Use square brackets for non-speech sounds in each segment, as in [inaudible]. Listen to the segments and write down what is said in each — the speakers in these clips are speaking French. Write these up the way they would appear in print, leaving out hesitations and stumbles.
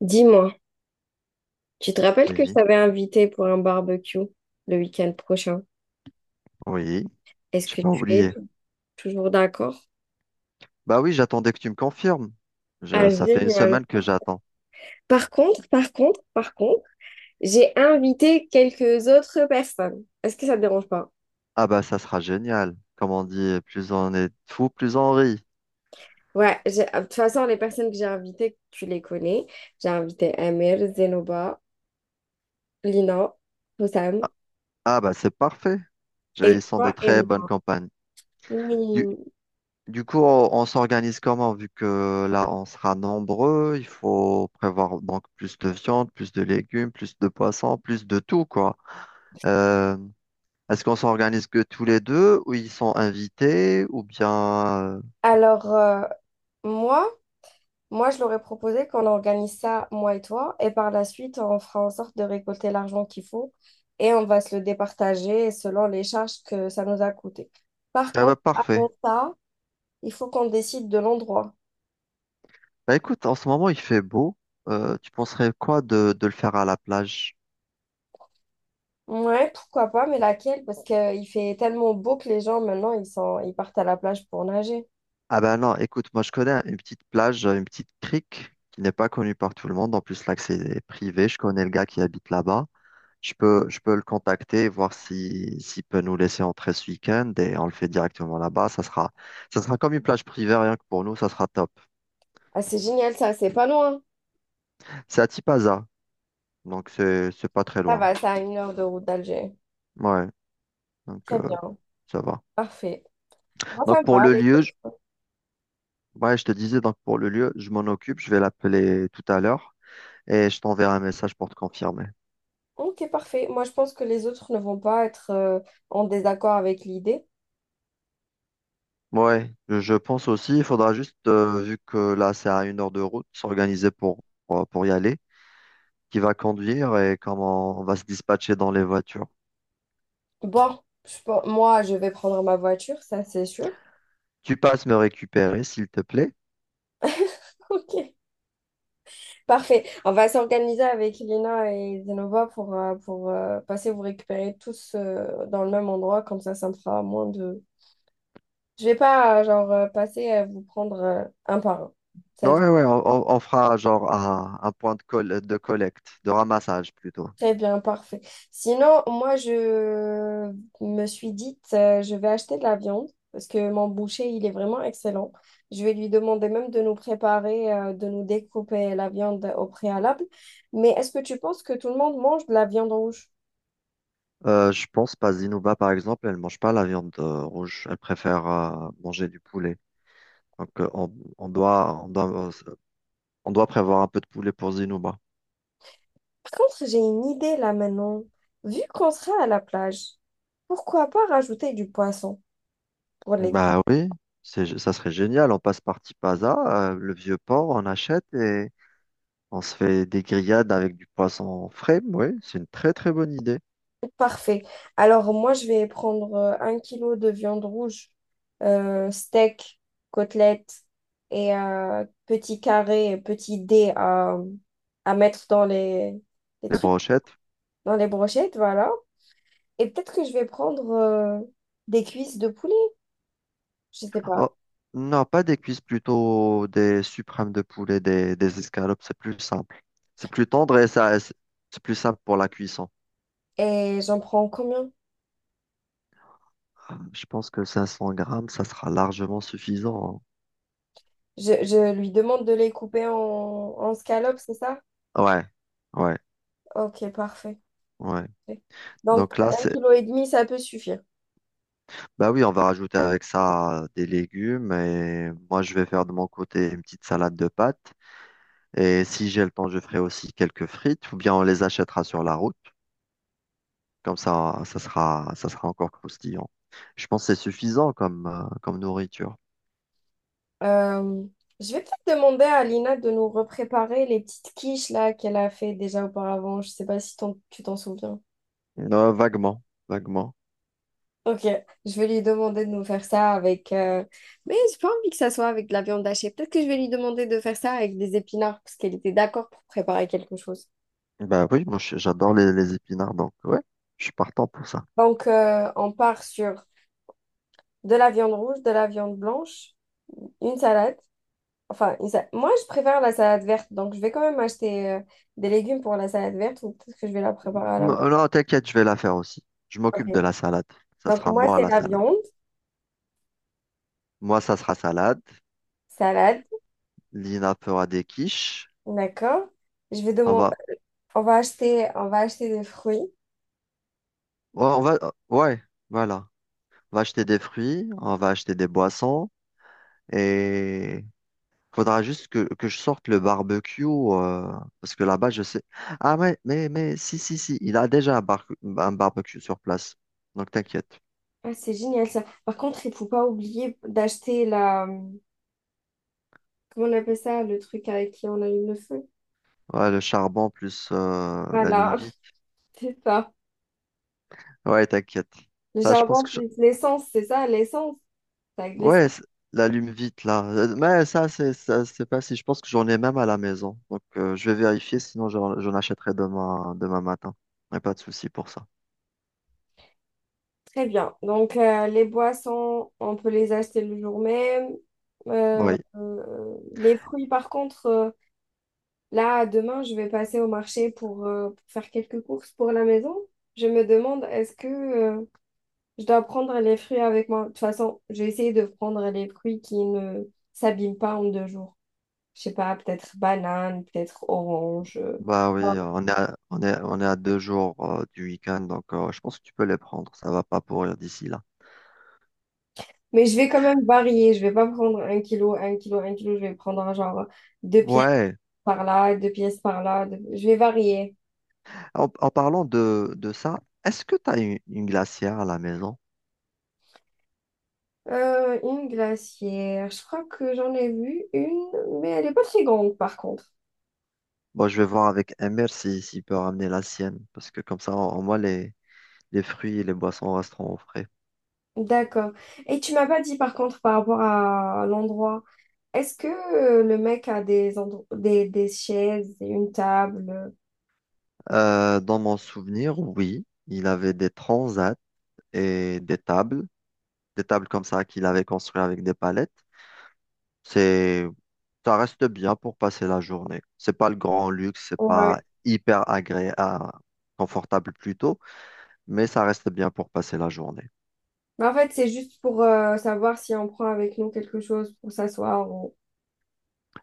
Dis-moi, tu te rappelles que je Oui, t'avais invité pour un barbecue le week-end prochain? oui, Est-ce j'ai que pas tu es oublié. Toujours d'accord? Bah oui, j'attendais que tu me confirmes. Ah, Ça fait une génial. semaine que j'attends. Par contre, j'ai invité quelques autres personnes. Est-ce que ça te dérange pas? Ah bah ça sera génial. Comme on dit, plus on est fou, plus on rit. Ouais, de toute façon, les personnes que j'ai invitées, tu les connais. J'ai invité Amir, Zenoba, Lina, Hossam Ah bah c'est parfait. Ils et sont de toi et très bonnes moi. campagnes. Du, Oui. du coup, on s'organise comment? Vu que là, on sera nombreux, il faut prévoir donc plus de viande, plus de légumes, plus de poissons, plus de tout, quoi. Euh, Est-ce qu'on s'organise que tous les deux, ou ils sont invités, ou bien... euh, Alors, euh, moi, Moi, je leur ai proposé qu'on organise ça, moi et toi, et par la suite, on fera en sorte de récolter l'argent qu'il faut et on va se le départager selon les charges que ça nous a coûté. Par Ah bah contre, avant parfait. ça, il faut qu'on décide de l'endroit. Bah écoute, en ce moment il fait beau. Tu penserais quoi de le faire à la plage? Ouais, pourquoi pas, mais laquelle? Parce qu'il fait tellement beau que les gens, maintenant, ils sont, ils partent à la plage pour nager. Ah bah non, écoute, moi je connais une petite plage, une petite crique qui n'est pas connue par tout le monde. En plus l'accès est privé. Je connais le gars qui habite là-bas. Je peux le contacter et voir si, s'il peut nous laisser entrer ce week-end et on le fait directement là-bas. Ça sera comme une plage privée, rien que pour nous, ça sera top. Ah, c'est génial, ça, c'est pas loin. C'est à Tipaza, donc c'est pas très Ça loin. va, ça a 1 heure de route d'Alger. Ouais, donc Très bien, ça va. parfait. Moi, ça Donc me pour va, le les lieu, je- autres. Ouais, je te disais donc pour le lieu, je m'en occupe, je vais l'appeler tout à l'heure et je t'enverrai un message pour te confirmer. Ok, parfait. Moi, je pense que les autres ne vont pas être en désaccord avec l'idée. Ouais, je pense aussi, il faudra juste, vu que là c'est à une heure de route, s'organiser pour y aller, qui va conduire et comment on va se dispatcher dans les voitures. Bon, moi, je vais prendre ma voiture, ça c'est sûr. Tu passes me récupérer, s'il te plaît? [laughs] Ok, parfait. On va s'organiser avec Lina et Zenova pour passer vous récupérer tous dans le même endroit. Comme ça me fera moins de… Je vais pas, genre, passer à vous prendre un par un. Ça Ouais, ouais, on fera genre un point de collecte, de ramassage plutôt. Très bien, parfait. Sinon, moi, je me suis dit, je vais acheter de la viande parce que mon boucher, il est vraiment excellent. Je vais lui demander même de nous préparer, de nous découper la viande au préalable. Mais est-ce que tu penses que tout le monde mange de la viande rouge? Je pense pas Zinouba, par exemple, elle mange pas la viande rouge. Elle préfère manger du poulet. Donc, on doit On doit prévoir un peu de poulet pour Zinouba. Par contre, j'ai une idée là maintenant. Vu qu'on sera à la plage, pourquoi pas rajouter du poisson pour les… Bah oui, ça serait génial. On passe par Tipaza, le vieux port, on achète et on se fait des grillades avec du poisson frais. Oui, c'est une très très bonne idée. Parfait. Alors, moi, je vais prendre un kilo de viande rouge, steak, côtelette et petits carrés, petits dés à mettre dans les Des trucs, brochettes. dans les brochettes, voilà. Et peut-être que je vais prendre des cuisses de poulet, je sais pas. Oh, non, pas des cuisses, plutôt des suprêmes de poulet, des escalopes. C'est plus simple. C'est plus tendre et ça, c'est plus simple pour la cuisson. Et j'en prends combien? Je pense que 500 grammes, ça sera largement suffisant. Je lui demande de les couper en, en scallops, c'est ça? Hein. Ouais, ouais, Ok, parfait. ouais. Ouais. Donc, Donc là, un c'est kilo et demi, ça peut suffire. Bah oui, on va rajouter avec ça des légumes et moi je vais faire de mon côté une petite salade de pâtes. Et si j'ai le temps, je ferai aussi quelques frites ou bien on les achètera sur la route. Comme ça, ça sera encore croustillant. Je pense que c'est suffisant comme, comme nourriture. Euh, je vais peut-être demander à Lina de nous repréparer les petites quiches là qu'elle a fait déjà auparavant. Je sais pas si tu t'en souviens. Vaguement, vaguement. Ok, je vais lui demander de nous faire ça avec. Mais j'ai pas envie que ça soit avec de la viande hachée. Peut-être que je vais lui demander de faire ça avec des épinards parce qu'elle était d'accord pour préparer quelque chose. Bah oui, j'adore les épinards, donc ouais, je suis partant pour ça. Donc, on part sur de la viande rouge, de la viande blanche, une salade. Enfin, moi, je préfère la salade verte, donc je vais quand même acheter des légumes pour la salade verte ou peut-être que je vais la préparer à la maison. Non, non, t'inquiète, je vais la faire aussi. Je Ok. m'occupe de la salade. Ça Donc, sera moi, moi c'est la la salade. viande, Moi, ça sera salade. salade, Lina fera des quiches. d'accord. Je vais On demander, va, on va acheter des fruits. Ouais, on va, ouais, voilà. On va acheter des fruits, on va acheter des boissons et faudra juste que je sorte le barbecue parce que là-bas, je sais. Ah, mais, si, si, si, il a déjà un barbecue sur place. Donc, t'inquiète. Ah, c'est génial ça. Par contre, il faut pas oublier d'acheter la, comment on appelle ça, le truc avec qui on allume le feu? Ouais, le charbon plus Voilà, l'allume-vite. [laughs] c'est ça. Ouais, t'inquiète. Le Ça, je pense charbon que je- plus l'essence, c'est ça, l'essence. C'est avec l'essence. Ouais, l'allume-vite, là. Mais ça, c'est pas si. Je pense que j'en ai même à la maison. Donc, je vais vérifier, sinon j'en achèterai demain, demain matin. Y a pas de souci pour ça. Très bien. Donc, les boissons, on peut les acheter le jour même. Euh, Oui, euh, les fruits, par contre, là, demain, je vais passer au marché pour faire quelques courses pour la maison. Je me demande, est-ce que je dois prendre les fruits avec moi? De toute façon, j'ai essayé de prendre les fruits qui ne s'abîment pas en 2 jours. Je sais pas, peut-être banane, peut-être orange. Bah oui, Ah, on est on est, on est à deux jours du week-end, donc je pense que tu peux les prendre, ça va pas pourrir d'ici là. mais je vais quand même varier. Je vais pas prendre un kilo, un kilo, un kilo. Je vais prendre un genre 2 pièces Ouais, par là, 2 pièces par là. Je vais varier. en, en parlant de ça, est-ce que tu as une glacière à la maison? Une glacière. Je crois que j'en ai vu une, mais elle est pas très grande par contre. Bon, je vais voir avec Emir si, s'il peut ramener la sienne, parce que comme ça, au au moins, les fruits et les boissons resteront au frais. D'accord. Et tu m'as pas dit par contre par rapport à l'endroit. Est-ce que le mec a des chaises, et une table? Dans mon souvenir, oui, il avait des transats et des tables comme ça qu'il avait construites avec des palettes. C'est Ça reste bien pour passer la journée. C'est pas le grand luxe, c'est pas Ouais. hyper agréable, confortable plutôt, mais ça reste bien pour passer la journée. Mais en fait, c'est juste pour savoir si on prend avec nous quelque chose pour s'asseoir.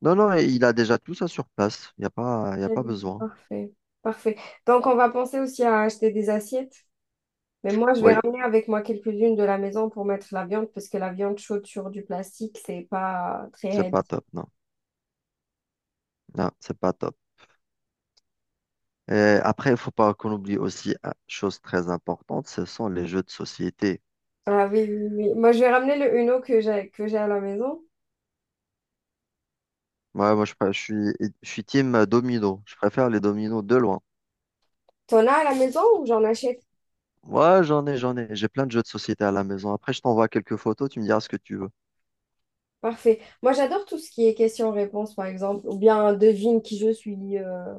Non, non, et il a déjà tout ça sur place. Il n'y a pas, y a pas besoin. Parfait. Parfait. Donc, on va penser aussi à acheter des assiettes. Mais moi, je vais Oui, ramener avec moi quelques-unes de la maison pour mettre la viande, parce que la viande chaude sur du plastique, c'est pas très c'est pas healthy. top, non. Non, c'est pas top. Et après, il faut pas qu'on oublie aussi une chose très importante, ce sont les jeux de société. Ah oui, oui, oui. Moi, je vais ramener le Uno que j'ai à la maison. Ouais, moi, je suis team domino. Je préfère les dominos de loin. T'en as à la maison ou j'en achète? Ouais, j'en ai, j'en ai. J'ai plein de jeux de société à la maison. Après, je t'envoie quelques photos. Tu me diras ce que tu Parfait. Moi, j'adore tout ce qui est question-réponse, par exemple, ou bien devine qui je suis,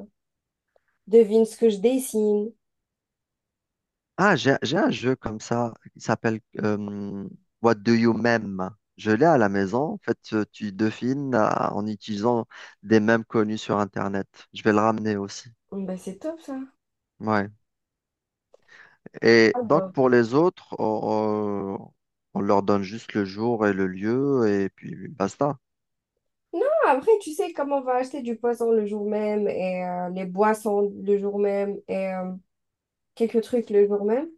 devine ce que je dessine. Ah, j'ai un jeu comme ça qui s'appelle What Do You Meme? Je l'ai à la maison. En fait, tu devines en utilisant des mèmes connus sur Internet. Je vais le ramener aussi. Bon, Ben, c'est top, ça. Ouais. Et donc, Alors, pour les autres, on- on leur donne juste le jour et le lieu et puis basta. non, après, tu sais, comment on va acheter du poisson le jour même et les boissons le jour même et quelques trucs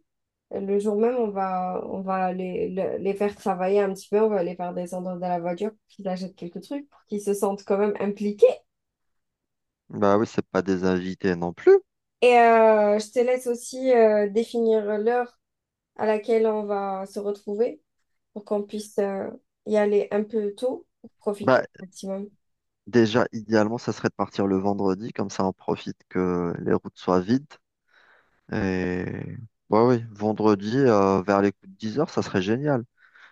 le jour même, on va les faire travailler un petit peu, on va les faire descendre de la voiture pour qu'ils achètent quelques trucs, pour qu'ils se sentent quand même impliqués. Bah oui, c'est pas des invités non plus. Et je te laisse aussi définir l'heure à laquelle on va se retrouver pour qu'on puisse y aller un peu tôt pour profiter Bah au maximum. déjà, idéalement, ça serait de partir le vendredi, comme ça on profite que les routes soient vides. Et bah oui, vendredi vers les coups de 10 heures, ça serait génial.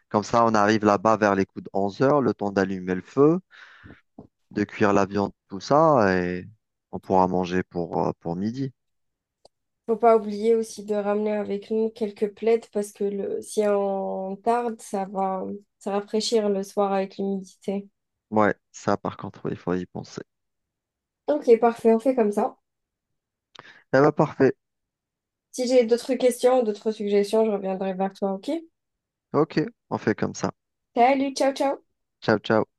Comme ça, on arrive là-bas vers les coups de 11 heures, le temps d'allumer le feu, de cuire la viande, tout ça, et on pourra manger pour midi. Faut pas oublier aussi de ramener avec nous quelques plaids parce que le, si on tarde, ça va se rafraîchir le soir avec l'humidité. Ouais, ça par contre, oui, il faut y penser. Ok, parfait, on fait comme ça. Eh bah parfait. Si j'ai d'autres questions, d'autres suggestions, je reviendrai vers toi, ok? Ok, on fait comme ça. Salut, ciao, ciao! Ciao, ciao.